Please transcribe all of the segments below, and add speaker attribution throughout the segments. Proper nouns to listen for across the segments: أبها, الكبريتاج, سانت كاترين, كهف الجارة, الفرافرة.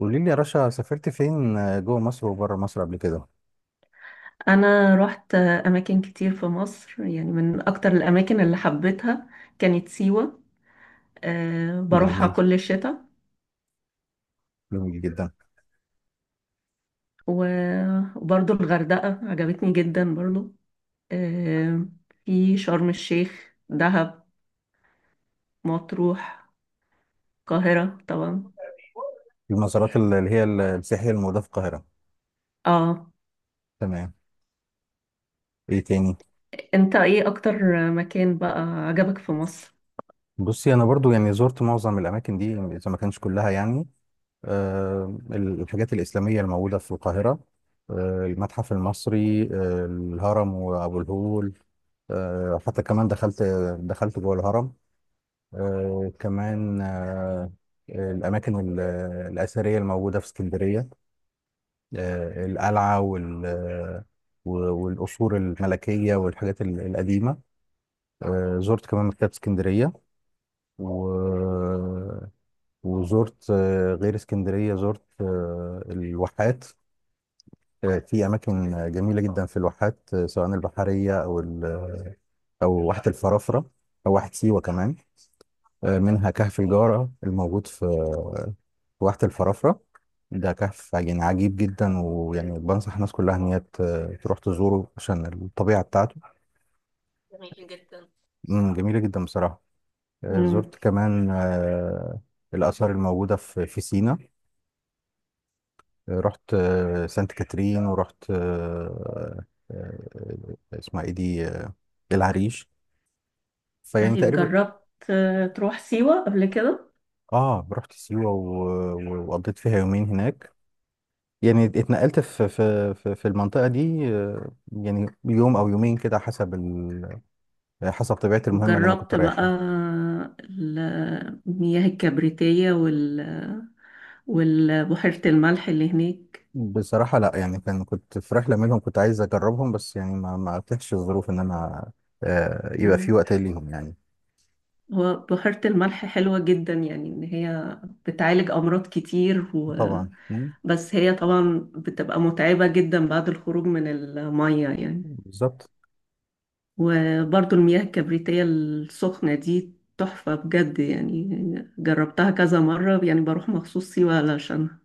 Speaker 1: قولي لي يا رشا، سافرت فين؟ جوه مصر وبره مصر قبل كده؟
Speaker 2: انا رحت اماكن كتير في مصر، يعني من اكتر الاماكن اللي حبيتها كانت سيوة. أه، بروحها
Speaker 1: جميل،
Speaker 2: كل الشتاء.
Speaker 1: جميل جدا.
Speaker 2: وبرضو الغردقة عجبتني جدا برضو. أه. في شرم الشيخ، دهب، مطروح، القاهرة طبعا.
Speaker 1: المزارات اللي هي السياحية الموجودة في القاهرة.
Speaker 2: اه.
Speaker 1: تمام. ايه تاني؟
Speaker 2: انت ايه اكتر مكان بقى عجبك في مصر؟
Speaker 1: بصي، انا برضو يعني زرت معظم الاماكن دي اذا ما كانش كلها يعني. الحاجات الاسلامية الموجودة في القاهرة، المتحف المصري، الهرم وابو الهول. حتى كمان دخلت جوه الهرم. آه، كمان آه، الاماكن الاثرية الموجودة في اسكندرية، القلعة وال آه، و- والقصور الملكية والحاجات القديمة. زرت كمان مكتبة اسكندرية و... وزرت غير اسكندرية زرت الواحات. في أماكن جميلة جدا في الواحات، سواء البحرية أو واحة الفرافرة أو واحة سيوة كمان. منها كهف الجارة، الموجود في واحة الفرافرة. ده كهف يعني عجيب جدا، ويعني بنصح الناس كلها ان هي تروح تزوره عشان الطبيعة بتاعته.
Speaker 2: جميل جدا.
Speaker 1: مم، جميلة جدا بصراحة. آه،
Speaker 2: مم.
Speaker 1: زرت كمان آه، الآثار الموجودة في سينا. رحت سانت كاترين، ورحت آه، آه، آه، اسمها ايه دي آه، العريش. فيعني
Speaker 2: طيب،
Speaker 1: تقريبا.
Speaker 2: جربت تروح سيوة قبل كده؟
Speaker 1: اه رحت سيوة وقضيت فيها يومين هناك. يعني اتنقلت في المنطقة دي يعني يوم او يومين كده، حسب طبيعة المهمة اللي أنا كنت
Speaker 2: وجربت
Speaker 1: رايحها.
Speaker 2: بقى المياه الكبريتية والبحيرة الملح اللي هناك.
Speaker 1: بصراحة لأ، يعني كان كنت في رحلة منهم كنت عايز أجربهم، بس يعني ما أتيحش الظروف إن أنا يبقى في
Speaker 2: مم.
Speaker 1: وقت ليهم يعني.
Speaker 2: هو بحيرة الملح حلوة جدا، يعني إن هي بتعالج أمراض كتير.
Speaker 1: طبعا. مم.
Speaker 2: بس هي طبعا بتبقى متعبة جدا بعد الخروج من المية، يعني.
Speaker 1: بالظبط.
Speaker 2: وبرضو المياه الكبريتية السخنة دي تحفة بجد، يعني جربتها كذا مرة، يعني بروح مخصوص سيوة علشانها.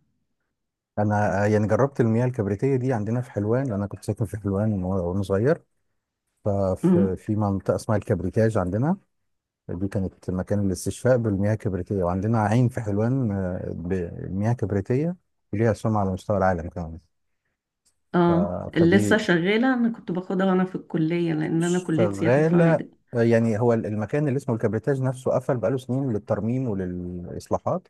Speaker 1: أنا يعني جربت المياه الكبريتية دي عندنا في حلوان، لأن أنا كنت ساكن في حلوان وأنا صغير. ففي
Speaker 2: مم.
Speaker 1: في منطقة اسمها الكبريتاج عندنا. دي كانت مكان الاستشفاء بالمياه الكبريتية، وعندنا عين في حلوان بمياه كبريتية ليها سمعة على مستوى العالم كمان.
Speaker 2: اه،
Speaker 1: ف-
Speaker 2: لسه
Speaker 1: فدي
Speaker 2: شغالة. انا كنت باخدها وانا في الكلية، لان انا كلية سياحة
Speaker 1: شغالة.
Speaker 2: وفنادق.
Speaker 1: يعني هو المكان اللي اسمه الكبريتاج نفسه قفل بقاله سنين للترميم وللإصلاحات.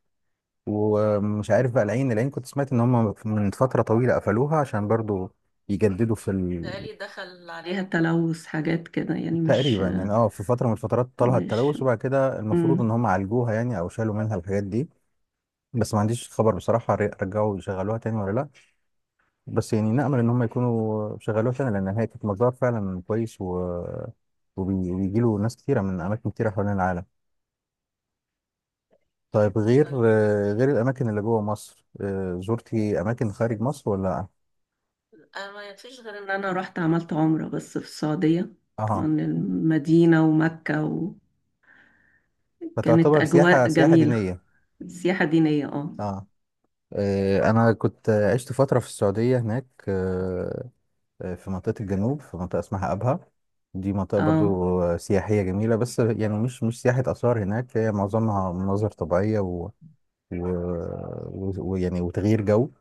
Speaker 1: ومش عارف بقى، العين، كنت سمعت إن هم من فترة طويلة قفلوها عشان برضو يجددوا في
Speaker 2: الله، ليها عليك تلوث حاجات كده يعني؟ مش
Speaker 1: تقريبا يعني. اه، في فترة من الفترات طالها
Speaker 2: مش
Speaker 1: التلوث، وبعد كده المفروض إن
Speaker 2: مم.
Speaker 1: هم عالجوها يعني، أو شالوا منها الحاجات دي. بس ما عنديش خبر بصراحة رجعوا يشغلوها تاني ولا لأ. بس يعني نأمل إن هم يكونوا شغلوها تاني، لأن هي كانت مزار فعلا كويس، وبيجي له ناس كتيرة من أماكن كتيرة حوالين العالم. طيب، غير
Speaker 2: طيب،
Speaker 1: غير الأماكن اللي جوه مصر، زرتي أماكن خارج مصر ولا لأ؟
Speaker 2: انا ما فيش غير ان انا رحت عملت عمرة بس في السعودية. طبعا
Speaker 1: أها.
Speaker 2: المدينة ومكة، وكانت
Speaker 1: فتعتبر سياحة
Speaker 2: اجواء
Speaker 1: سياحة
Speaker 2: جميلة.
Speaker 1: دينية.
Speaker 2: سياحة دينية، اه.
Speaker 1: أه. أنا كنت عشت فترة في السعودية هناك، في منطقة الجنوب، في منطقة اسمها أبها. دي منطقة برضو
Speaker 2: اه.
Speaker 1: سياحية جميلة، بس يعني مش سياحة آثار هناك، هي معظمها مناظر طبيعية و... ويعني وتغيير جو.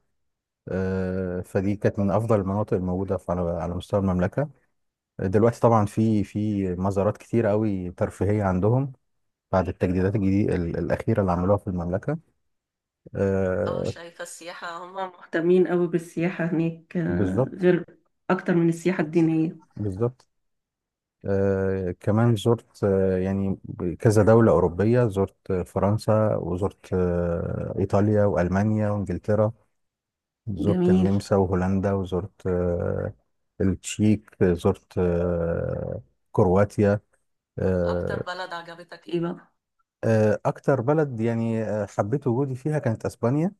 Speaker 1: فدي كانت من أفضل المناطق الموجودة على مستوى المملكة. دلوقتي طبعا في مزارات كتير قوي ترفيهية عندهم، بعد التجديدات الجديدة الأخيرة اللي عملوها في المملكة.
Speaker 2: اه،
Speaker 1: آه.
Speaker 2: شايفة السياحة هم مهتمين قوي بالسياحة هناك،
Speaker 1: بالظبط.
Speaker 2: غير اكتر من السياحة الدينية.
Speaker 1: بالظبط. آه، كمان زرت آه، يعني كذا دولة أوروبية. زرت فرنسا، وزرت إيطاليا، وألمانيا، وإنجلترا. زرت
Speaker 2: جميل.
Speaker 1: النمسا، وهولندا، وزرت التشيك، زرت كرواتيا.
Speaker 2: اكتر
Speaker 1: آه.
Speaker 2: بلد عجبتك، ايه ايه
Speaker 1: أكتر بلد يعني حبيت وجودي فيها كانت أسبانيا.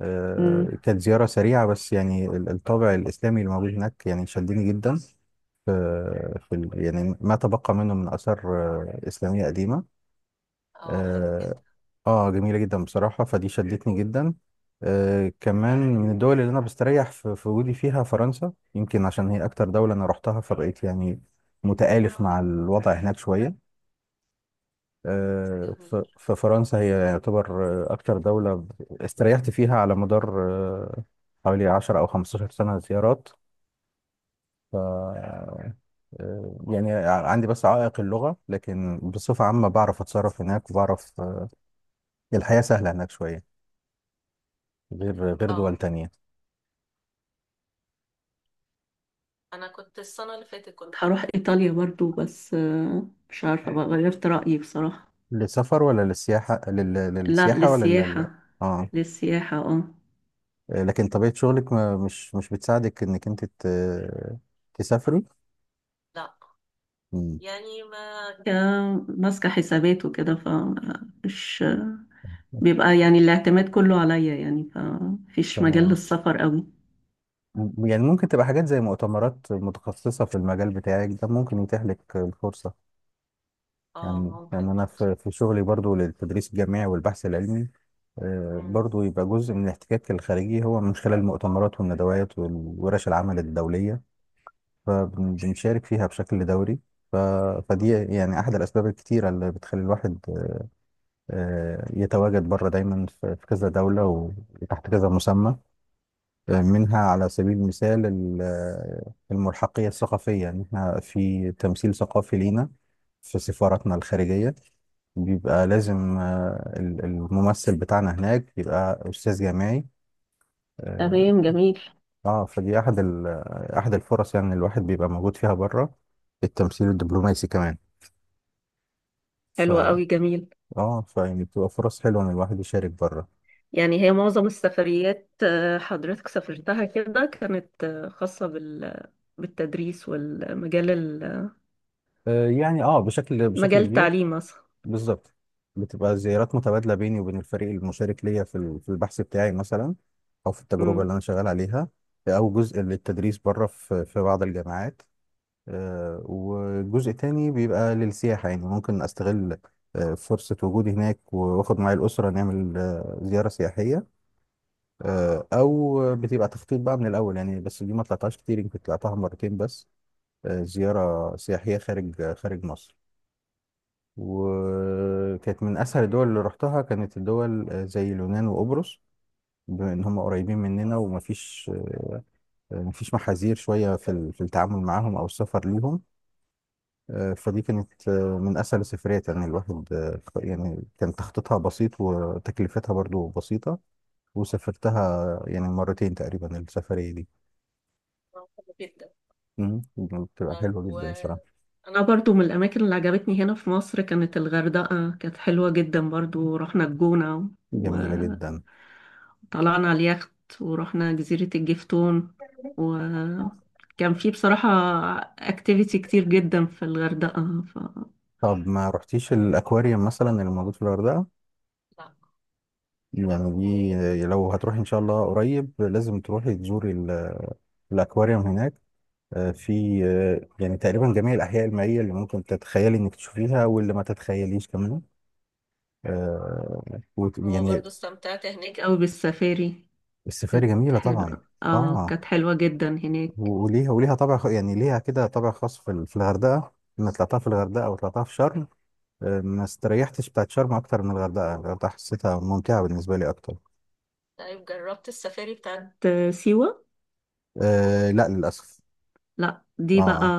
Speaker 2: بقى؟
Speaker 1: كانت زيارة سريعة، بس يعني الطابع الإسلامي اللي موجود هناك يعني شدني جدا. في, في يعني ما تبقى منه من آثار إسلامية قديمة.
Speaker 2: اه، حلو جدا.
Speaker 1: آه, جميلة جدا بصراحة، فدي شدتني جدا. آه، كمان من الدول اللي أنا بستريح في وجودي فيها فرنسا، يمكن عشان هي أكتر دولة أنا رحتها، فبقيت يعني متآلف مع الوضع هناك شوية.
Speaker 2: جميل.
Speaker 1: ففرنسا هي يعتبر أكتر دولة استريحت فيها على مدار آه، حوالي 10 أو 15 سنة زيارات. ف آه، يعني عندي بس عائق اللغة، لكن بصفة عامة بعرف أتصرف هناك، وبعرف الحياة سهلة هناك شوية، غير دول
Speaker 2: اه،
Speaker 1: تانية.
Speaker 2: انا كنت السنة اللي فاتت كنت هروح ايطاليا برضو، بس مش عارفة بقى، غيرت رأيي بصراحة.
Speaker 1: للسفر ولا للسياحة؟
Speaker 2: لا،
Speaker 1: للسياحة ولا
Speaker 2: للسياحة.
Speaker 1: اه.
Speaker 2: للسياحة، اه.
Speaker 1: لكن طبيعة شغلك ما مش مش بتساعدك إنك أنت تسافري.
Speaker 2: لا،
Speaker 1: مم.
Speaker 2: يعني ما ماسكة حسابات وكده، فمش بيبقى، يعني الاعتماد كله عليا يعني، فمفيش مجال
Speaker 1: تمام.
Speaker 2: للسفر قوي.
Speaker 1: يعني ممكن تبقى حاجات زي مؤتمرات متخصصة في المجال بتاعك ده، ممكن يتيح لك الفرصة.
Speaker 2: اه،
Speaker 1: يعني
Speaker 2: ممكن
Speaker 1: يعني أنا
Speaker 2: برضه.
Speaker 1: في شغلي برضو للتدريس الجامعي والبحث العلمي،
Speaker 2: مم.
Speaker 1: برضو يبقى جزء من الاحتكاك الخارجي هو من خلال المؤتمرات والندوات والورش العمل الدولية، فبنشارك فيها بشكل دوري. ف- فدي يعني أحد الأسباب الكتيرة اللي بتخلي الواحد يتواجد بره دايما في كذا دولة، وتحت كذا مسمى. منها على سبيل المثال الملحقية الثقافية، إن إحنا في تمثيل ثقافي لينا في سفاراتنا الخارجية، بيبقى لازم الممثل بتاعنا هناك يبقى أستاذ جامعي. اه.
Speaker 2: تمام. جميل.
Speaker 1: فدي أحد الفرص يعني الواحد بيبقى موجود فيها بره، التمثيل الدبلوماسي كمان. ف
Speaker 2: حلو قوي. جميل.
Speaker 1: اه فيعني بتبقى فرص حلوة إن الواحد يشارك بره.
Speaker 2: يعني هي معظم السفريات حضرتك سافرتها كده كانت خاصة بالتدريس، والمجال
Speaker 1: يعني اه بشكل
Speaker 2: مجال
Speaker 1: كبير.
Speaker 2: التعليم مثلا؟
Speaker 1: بالظبط. بتبقى زيارات متبادلة بيني وبين الفريق المشارك ليا في البحث بتاعي مثلا، أو في التجربة اللي
Speaker 2: أمم.
Speaker 1: أنا شغال عليها، أو جزء للتدريس بره في بعض الجامعات. وجزء تاني بيبقى للسياحة، يعني ممكن أستغل فرصة وجودي هناك، وآخد معايا الأسرة نعمل زيارة سياحية. أو بتبقى تخطيط بقى من الأول، يعني بس دي ما طلعتهاش كتير، يمكن طلعتها مرتين بس، زيارة سياحية خارج مصر. وكانت من اسهل الدول اللي رحتها كانت الدول زي اليونان وقبرص، بما ان هم قريبين مننا، ومفيش آه، مفيش محاذير شويه في التعامل معاهم او السفر ليهم. فدي كانت من اسهل السفريات، يعني الواحد يعني كان تخطيطها بسيط، وتكلفتها برضو بسيطه. وسافرتها يعني مرتين تقريبا السفريه دي.
Speaker 2: حلو جدا.
Speaker 1: مم. بتبقى
Speaker 2: طيب،
Speaker 1: حلوه جدا بصراحه.
Speaker 2: وأنا برضو من الأماكن اللي عجبتني هنا في مصر كانت الغردقة، كانت حلوة جدا برضو. رحنا الجونة
Speaker 1: جميله جدا.
Speaker 2: وطلعنا على اليخت، ورحنا جزيرة الجفتون، وكان في بصراحة اكتيفيتي كتير جدا في الغردقة.
Speaker 1: طب ما رحتيش الاكواريوم مثلا اللي موجود في الغردقه؟
Speaker 2: ف...
Speaker 1: يعني دي لو هتروحي ان شاء الله قريب لازم تروحي تزوري الاكواريوم هناك. آه، في آه، يعني تقريبا جميع الاحياء المائيه اللي ممكن تتخيلي انك تشوفيها، واللي ما تتخيليش كمان، آه،
Speaker 2: هو
Speaker 1: يعني.
Speaker 2: برضو استمتعت هناك أوي بالسفاري.
Speaker 1: السفاري
Speaker 2: كانت
Speaker 1: جميله طبعا.
Speaker 2: حلوة، اه،
Speaker 1: اه
Speaker 2: كانت حلوة جدا هناك.
Speaker 1: وليها طابع يعني ليها كده طابع خاص في الغردقه. لما طلعتها في الغردقه وطلعتها في شرم، ما استريحتش بتاعت شرم اكتر من الغردقه، الغردقه حسيتها ممتعه بالنسبه لي اكتر.
Speaker 2: طيب، جربت السفاري بتاعت سيوة؟
Speaker 1: آه لا للاسف.
Speaker 2: لا، دي بقى،
Speaker 1: اه.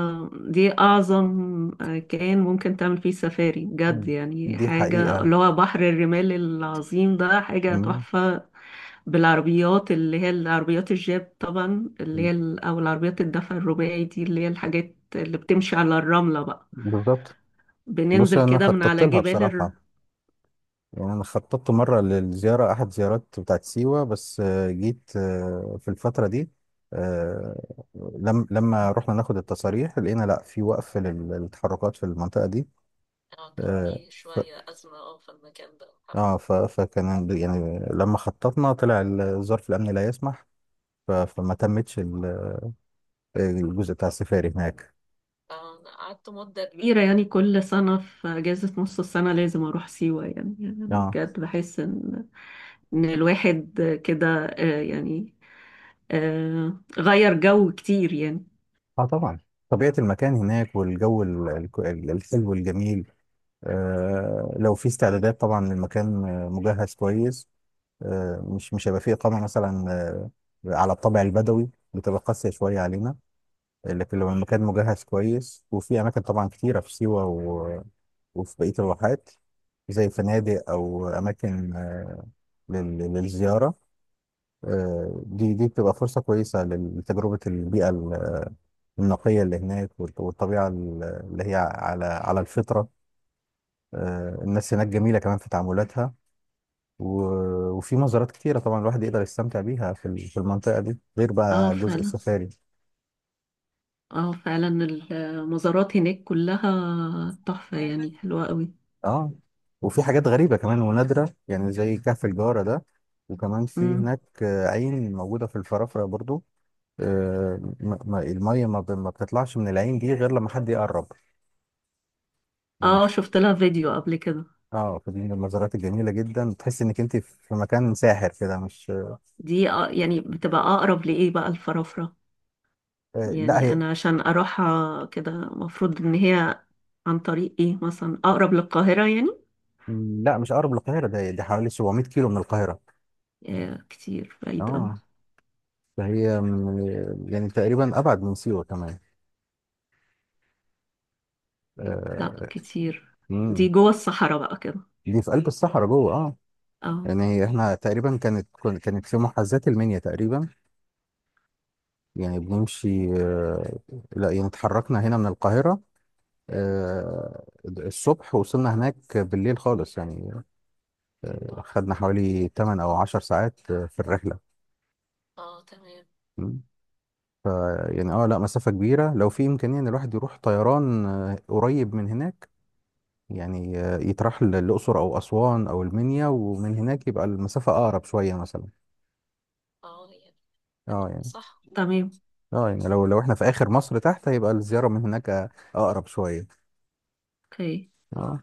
Speaker 2: دي أعظم. كان ممكن تعمل فيه سفاري بجد،
Speaker 1: مم.
Speaker 2: يعني
Speaker 1: دي
Speaker 2: حاجة،
Speaker 1: حقيقة.
Speaker 2: اللي هو بحر الرمال العظيم ده حاجة
Speaker 1: مم.
Speaker 2: تحفة. بالعربيات اللي هي العربيات الجيب طبعا، اللي هي أو العربيات الدفع الرباعي، دي اللي هي الحاجات اللي بتمشي على الرملة بقى.
Speaker 1: بالظبط. بص
Speaker 2: بننزل
Speaker 1: انا
Speaker 2: كده من
Speaker 1: خططت
Speaker 2: على
Speaker 1: لها
Speaker 2: جبال.
Speaker 1: بصراحه. يعني انا خططت مره للزياره، احد زيارات بتاعت سيوه، بس جيت في الفتره دي، آه، لم لما رحنا ناخد التصاريح لقينا لا، في وقف للتحركات في المنطقه دي.
Speaker 2: اه، كان
Speaker 1: آه،
Speaker 2: فيه
Speaker 1: ف...
Speaker 2: شوية أزمة، اه، في المكان ده.
Speaker 1: فكان يعني لما خططنا طلع ظرف الامن لا يسمح. فما تمتش الجزء بتاع السفاري هناك.
Speaker 2: فأنا قعدت مدة أميرة كبيرة، يعني كل سنة في أجازة نص السنة لازم أروح سيوة، يعني
Speaker 1: اه.
Speaker 2: بجد بحس إن الواحد كده، يعني غير جو كتير، يعني.
Speaker 1: اه طبعا. طبيعه المكان هناك والجو الحلو الجميل. لو في استعدادات طبعا، المكان مجهز كويس. مش هيبقى فيه إقامة مثلا على الطابع البدوي، بتبقى قاسية شوية علينا. لكن لو
Speaker 2: مم.
Speaker 1: المكان مجهز كويس، وفي أماكن طبعا كتيرة في سيوة، وفي بقية الواحات، زي فنادق أو أماكن للزيارة. دي بتبقى فرصة كويسة لتجربة البيئة النقية اللي هناك، والطبيعة اللي هي على الفطرة. الناس هناك جميلة كمان في تعاملاتها، وفي مزارات كتيرة طبعا الواحد يقدر يستمتع بيها في المنطقة دي، غير
Speaker 2: اه،
Speaker 1: بقى جزء
Speaker 2: فعلا.
Speaker 1: السفاري.
Speaker 2: اه، فعلا. المزارات هناك كلها تحفة، يعني حلوة قوي.
Speaker 1: اه. وفي حاجات غريبة كمان ونادرة، يعني زي كهف الجارة ده. وكمان في
Speaker 2: مم.
Speaker 1: هناك عين موجودة في الفرافرة برضو. المية ما بتطلعش من العين دي غير لما حد يقرب. لما
Speaker 2: اه،
Speaker 1: ح-
Speaker 2: شفت لها فيديو قبل كده.
Speaker 1: اه، فدي من المزارات الجميلة جدا، تحس انك انت في مكان ساحر كده، مش.
Speaker 2: دي يعني بتبقى أقرب لإيه بقى، الفرافرة؟
Speaker 1: لا
Speaker 2: يعني
Speaker 1: هي.
Speaker 2: انا عشان اروحها كده، مفروض ان هي عن طريق ايه مثلا؟ اقرب للقاهرة يعني؟
Speaker 1: لا، مش اقرب للقاهرة، ده دي حوالي 700 كيلو من القاهرة.
Speaker 2: كتير، بعيد اوي.
Speaker 1: اه. ده هي يعني تقريبا ابعد من سيوه كمان.
Speaker 2: لا،
Speaker 1: آه،
Speaker 2: كتير. دي
Speaker 1: امم.
Speaker 2: جوه الصحراء بقى كده.
Speaker 1: دي في قلب الصحراء جوه، اه.
Speaker 2: اه.
Speaker 1: يعني هي احنا تقريبا كانت في محاذاه المنيا تقريبا. يعني بنمشي لا، يعني اتحركنا هنا من القاهره الصبح، وصلنا هناك بالليل خالص يعني. خدنا حوالي 8 او 10 ساعات في الرحله.
Speaker 2: اه، تمام.
Speaker 1: مم. ف يعني اه لا، مسافه كبيره، لو في امكانيه ان الواحد يروح طيران قريب من هناك، يعني للأقصر أو أسوان أو المنيا، ومن هناك يبقى المسافة أقرب شوية مثلا.
Speaker 2: اه، يعني
Speaker 1: اه
Speaker 2: كده
Speaker 1: يعني،
Speaker 2: صح، تمام.
Speaker 1: اه يعني، لو احنا في آخر مصر تحت، يبقى الزيارة من هناك أقرب شوية.
Speaker 2: اوكي.
Speaker 1: اه.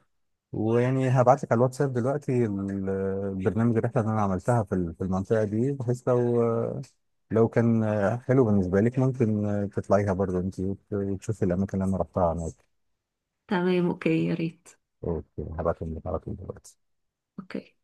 Speaker 1: ويعني هبعت لك على الواتساب دلوقتي البرنامج الرحلة اللي أنا عملتها في المنطقة دي، بحيث لو لو كان حلو بالنسبة لك ممكن تطلعيها برضه أنت، وتشوفي الأماكن اللي أنا رحتها هناك.
Speaker 2: تمام، اوكي، يا ريت.
Speaker 1: أوكي. هبعتهم لك على طول دلوقتي.
Speaker 2: اوكي.